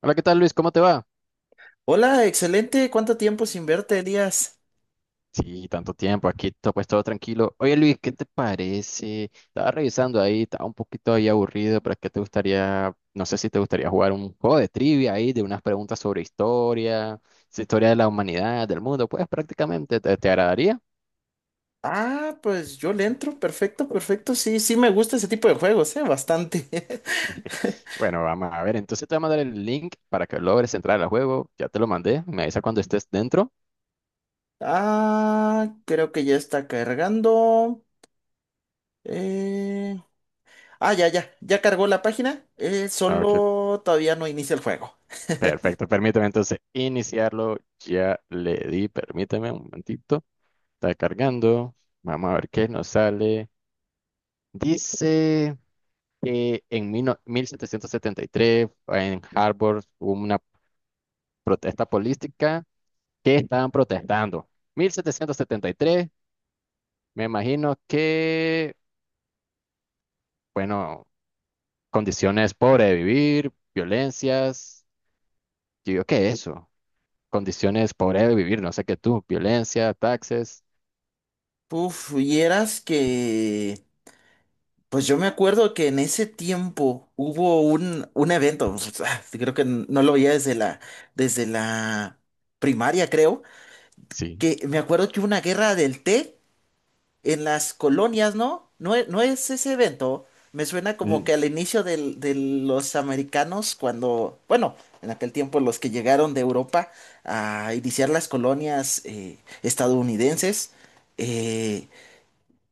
Hola, ¿qué tal Luis? ¿Cómo te va? Hola, excelente. ¿Cuánto tiempo sin verte, Elías? Sí, tanto tiempo, aquí pues todo tranquilo. Oye Luis, ¿qué te parece? Estaba revisando ahí, estaba un poquito ahí aburrido, pero ¿qué te gustaría? No sé si te gustaría jugar un juego de trivia ahí, de unas preguntas sobre historia, historia de la humanidad, del mundo, pues prácticamente, ¿te agradaría? Ah, pues yo le entro. Perfecto, perfecto. Sí, sí me gusta ese tipo de juegos, ¿eh? Bastante. Bueno, vamos a ver, entonces te voy a mandar el link para que logres entrar al juego, ya te lo mandé, me avisa cuando estés dentro. Ah, creo que ya está cargando. Eh, Ah, ya, ya. Ya cargó la página. Ok, Solo todavía no inicia el juego. perfecto, permíteme entonces iniciarlo, ya le di, permíteme un momentito. Está cargando. Vamos a ver qué nos sale. Dice que en mil no- 1773 en Harvard hubo una protesta política. ¿Qué estaban protestando? 1773, me imagino que, bueno, condiciones pobres de vivir, violencias. Yo digo, ¿qué es eso? Condiciones pobres de vivir, no sé qué tú, violencia, taxes. Uf, vieras que... Pues yo me acuerdo que en ese tiempo hubo un evento. Creo que no lo veía desde la primaria, creo. Sí. Que me acuerdo que hubo una guerra del té en las colonias, ¿no? No, no es ese evento. Me suena como Mm. que al inicio de los americanos, cuando, bueno, en aquel tiempo los que llegaron de Europa a iniciar las colonias estadounidenses. eh,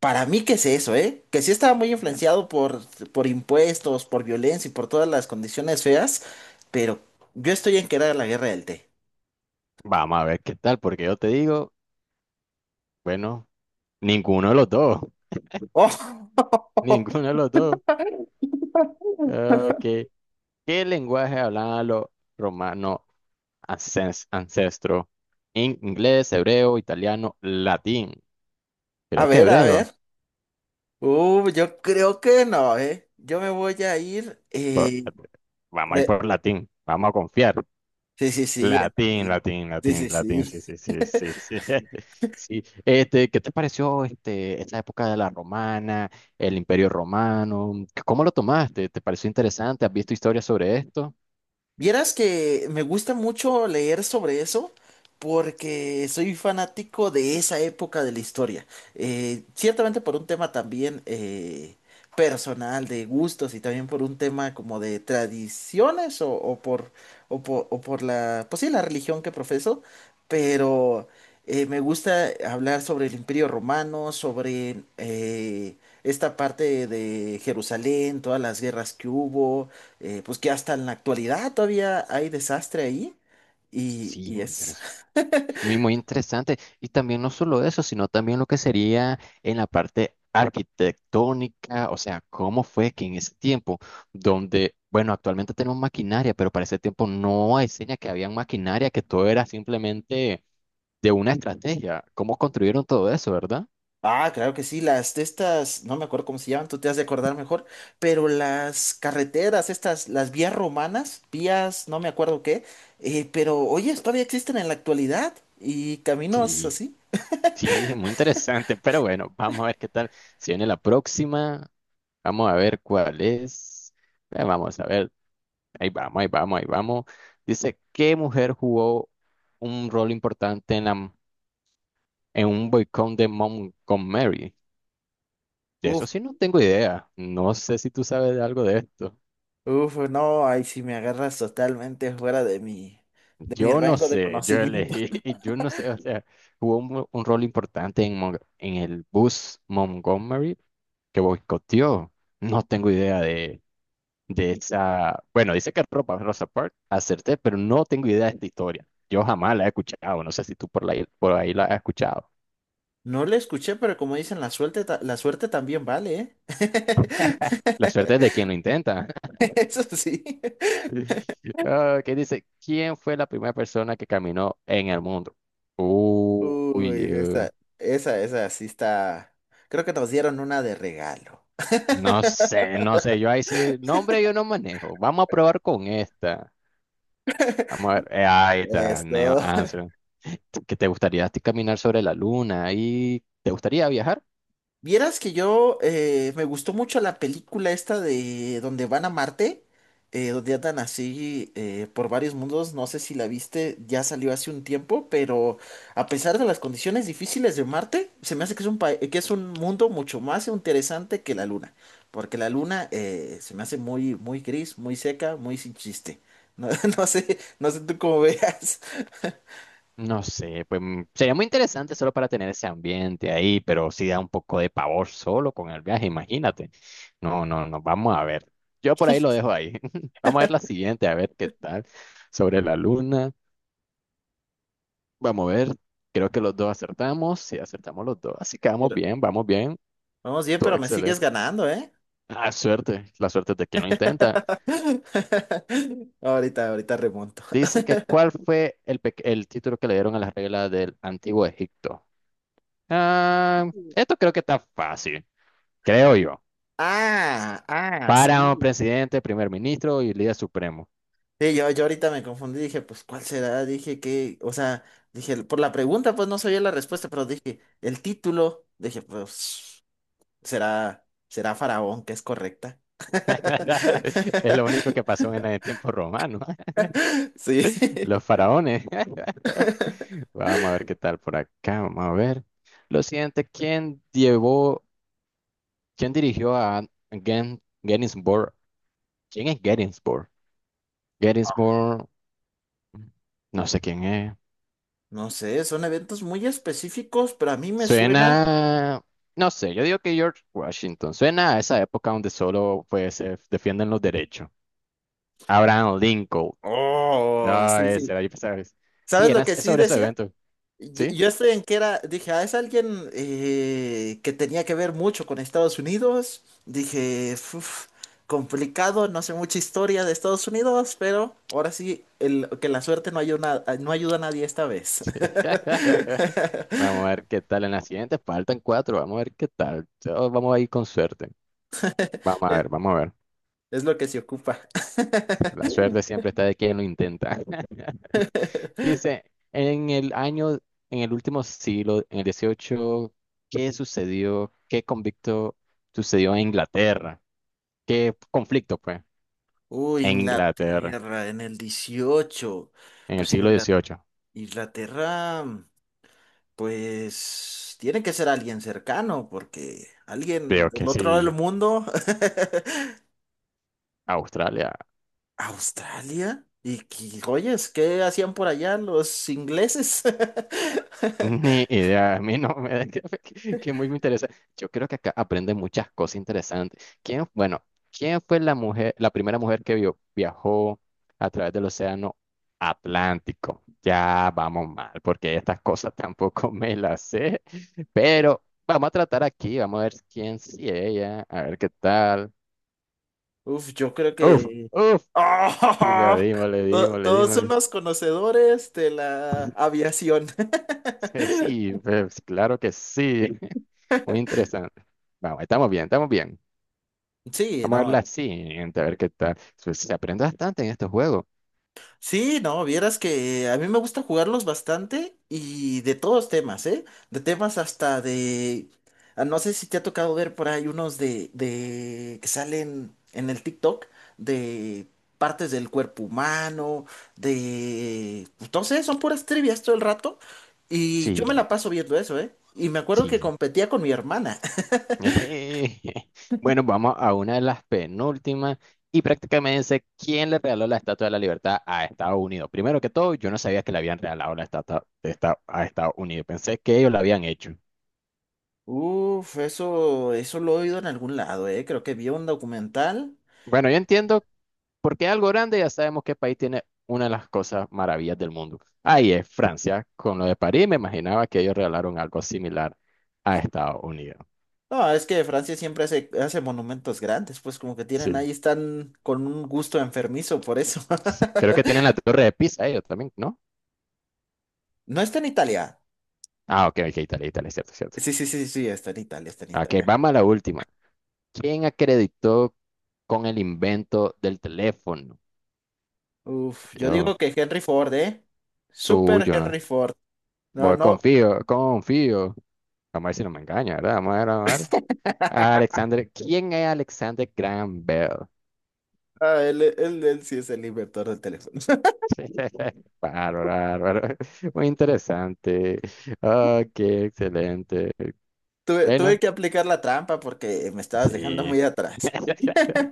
para mí, ¿qué es eso, Que sí estaba muy influenciado por impuestos, por violencia y por todas las condiciones feas, pero yo estoy en que era la guerra del té. Vamos a ver qué tal, porque yo te digo, bueno, ninguno de los dos. Oh, Ninguno de los dos. Okay. ¿Qué lenguaje hablaban los romanos ancestros? Inglés, hebreo, italiano, latín. a Creo que ver, a ver. hebreo. Yo creo que no, ¿eh? Yo me voy a ir. Por- Vamos a ir pre- por latín. Vamos a confiar. sí, sí, sí, en Latín, latín. latín, Sí, latín, sí, latín. sí. Sí, sí, sí, sí, sí. Sí. Este, ¿qué te pareció este, esta época de la romana, el imperio romano? ¿Cómo lo tomaste? ¿Te pareció interesante? ¿Has visto historias sobre esto? Vieras que me gusta mucho leer sobre eso porque soy fanático de esa época de la historia. Ciertamente por un tema también personal de gustos y también por un tema como de tradiciones o, o por la, pues sí, la religión que profeso, pero me gusta hablar sobre el Imperio Romano, sobre esta parte de Jerusalén, todas las guerras que hubo pues que hasta en la actualidad todavía hay desastre ahí. Y, Sí, y muy es. interesante. Muy, muy interesante. Y también no solo eso, sino también lo que sería en la parte arquitectónica, o sea, cómo fue que en ese tiempo, donde, bueno, actualmente tenemos maquinaria, pero para ese tiempo no hay seña que había maquinaria, que todo era simplemente de una estrategia. ¿Cómo construyeron todo eso, verdad? Ah, claro que sí, las de estas, no me acuerdo cómo se llaman, tú te has de acordar mejor, pero las carreteras, estas, las vías romanas, vías, no me acuerdo qué, pero oye, todavía existen en la actualidad y caminos Sí, así. sí, muy interesante. Pero bueno, vamos a ver qué tal. Si viene la próxima, vamos a ver cuál es. Vamos a ver. Ahí vamos, ahí vamos, ahí vamos. Dice, ¿qué mujer jugó un rol importante en un boicot de Montgomery? De Uf, eso sí no tengo idea. No sé si tú sabes de algo de esto. uf, no, ahí sí me agarras totalmente fuera de mi Yo no rango de sé, yo conocimiento. elegí, yo no sé, o sea, jugó un rol importante en el bus Montgomery que boicoteó. No tengo idea de esa. Bueno, dice que ropa Rosa Parks, acerté, pero no tengo idea de esta historia. Yo jamás la he escuchado, no sé si tú por ahí la has escuchado. No le escuché, pero como dicen, la suerte, la suerte también vale, ¿eh? La suerte es de quien lo intenta. Eso sí. Ah, ¿qué dice? ¿Quién fue la primera persona que caminó en el mundo? Uy, Uy, esa sí está. Creo que nos dieron una de regalo. no sé, no sé. Yo ahí sí, nombre yo no manejo. Vamos a probar con esta. Vamos a ver. Ahí está, Neo Esto. Armstrong. ¿Qué te gustaría a ti caminar sobre la luna? ¿Y te gustaría viajar? Vieras que yo me gustó mucho la película esta de donde van a Marte, donde andan así por varios mundos, no sé si la viste, ya salió hace un tiempo, pero a pesar de las condiciones difíciles de Marte, se me hace que es un, que es un mundo mucho más interesante que la Luna, porque la Luna se me hace muy, muy gris, muy seca, muy sin chiste. No, no sé, no sé tú cómo veas, No sé, pues sería muy interesante solo para tener ese ambiente ahí, pero sí da un poco de pavor solo con el viaje, imagínate. No, no, no, vamos a ver. Yo por ahí lo dejo ahí. Vamos a ver la siguiente, a ver qué tal. Sobre la luna, vamos a ver. Creo que los dos acertamos, sí, acertamos los dos. Así que vamos pero bien, vamos bien. vamos bien, Todo pero me sigues excelente. ganando, ¿eh? Ah, suerte, la suerte es de quien lo intenta. Ahorita, ahorita remonto. Dice que ¿cuál fue el título que le dieron a las reglas del Antiguo Egipto? Ah, esto creo que está fácil, creo yo. Ah, ah, Para un sí. presidente, primer ministro y líder supremo. Sí, yo ahorita me confundí, dije, pues, ¿cuál será? Dije que, o sea, dije, por la pregunta, pues no sabía la respuesta, pero dije, el título, dije, pues, será, será Faraón, que es correcta. Es lo único que pasó en el tiempo romano. Sí. Los faraones. Vamos a ver qué tal por acá. Vamos a ver. Lo siguiente, ¿quién llevó, quién dirigió a Gettysburg? ¿Quién es Gettysburg? Gettysburg, no sé quién es. No sé, son eventos muy específicos, pero a mí me suena. Suena, no sé, yo digo que George Washington. Suena a esa época donde solo pues se defienden los derechos. Abraham Lincoln. Oh, No, sí, sí. ese era, ¿Sabes sí, era lo es que sí sobre esos decía? eventos. Yo ¿Sí? yo estoy en que era, dije, ah, es alguien que tenía que ver mucho con Estados Unidos. Dije, "Uf, complicado, no sé mucha historia de Estados Unidos, pero ahora sí, el, que la suerte no ayuda, no ayuda a nadie esta vez. Vamos a ver qué tal en la siguiente. Faltan cuatro. Vamos a ver qué tal. Todos vamos a ir con suerte. Vamos a Es, ver, vamos a ver. es lo que se ocupa. La suerte siempre está de quien lo intenta. Dice, en el año, en el último siglo, en el 18, ¿qué sucedió? ¿Qué convicto sucedió en Inglaterra? ¿Qué conflicto, pues? Uy, En Inglaterra, Inglaterra en el 18. en el Pues siglo 18. Inglaterra, pues tiene que ser alguien cercano, porque alguien Creo que del otro lado del sí. mundo. Australia. ¿Australia? ¿Y oyes, qué hacían por allá los ingleses? Ni idea, a mí no me que muy me interesa. Yo creo que acá aprende muchas cosas interesantes. ¿Quién, bueno, quién fue la mujer, la primera mujer que viajó a través del océano Atlántico? Ya vamos mal, porque estas cosas tampoco me las sé. Pero vamos a tratar aquí, vamos a ver quién sí ella, a ver qué tal. Uf, yo creo Uf, que... uf, sí, le ¡Ah! dimos, le dimos, le Todos son dimos. los conocedores de la aviación. Sí, sí, pues, claro que sí. Muy interesante. Vamos, estamos bien, estamos bien. Sí, Vamos a no. verla así, gente, a ver qué tal. Se aprende bastante en estos juegos. Sí, no, vieras que a mí me gusta jugarlos bastante y de todos temas, ¿eh? De temas hasta de... ah, no sé si te ha tocado ver por ahí unos de... que salen en el TikTok de partes del cuerpo humano, de... Entonces son puras trivias todo el rato y yo me Sí, la paso viendo eso, ¿eh? Y me acuerdo que sí. competía con mi hermana. Bueno, vamos a una de las penúltimas. Y prácticamente dice, quién le regaló la Estatua de la Libertad a Estados Unidos. Primero que todo, yo no sabía que le habían regalado la estatua de a Estados Unidos. Pensé que ellos la habían hecho. Uf, eso lo he oído en algún lado, ¿eh? Creo que vi un documental. Bueno, yo entiendo por qué algo grande, ya sabemos que el país tiene una de las cosas maravillas del mundo. Ahí es Francia, con lo de París, me imaginaba que ellos regalaron algo similar a Estados Unidos. No, es que Francia siempre hace, hace monumentos grandes, pues como que tienen Sí. ahí, están con un gusto enfermizo por eso. Sí, creo que tienen la torre de Pisa ellos también, ¿no? No, está en Italia. Ah, ok, ok, Italia, Italia, es cierto, es cierto. Sí, sí, sí, sí, está en Italia, está en Ok, Italia. vamos a la última. ¿Quién acreditó con el invento del teléfono? Uf, yo Yo, digo que Henry Ford, ¿eh? tú, Super yo no. Henry Ford. No, Voy, no, confío, confío. Vamos a ver si no me engaña, ¿verdad? Vamos a ver, vamos a ver. Alexander, ¿quién es Alexander Graham Bell? ah, él sí es el inventor del teléfono. Bárbaro, bárbaro. Muy interesante. Ok, excelente. Tuve, tuve Bueno. que aplicar la trampa porque me estabas dejando muy Sí. atrás.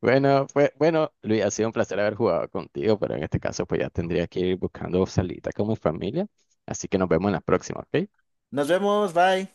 Bueno, fue, bueno, Luis, ha sido un placer haber jugado contigo, pero en este caso pues ya tendría que ir buscando salita con mi familia, así que nos vemos en la próxima, ¿ok? Nos vemos, bye.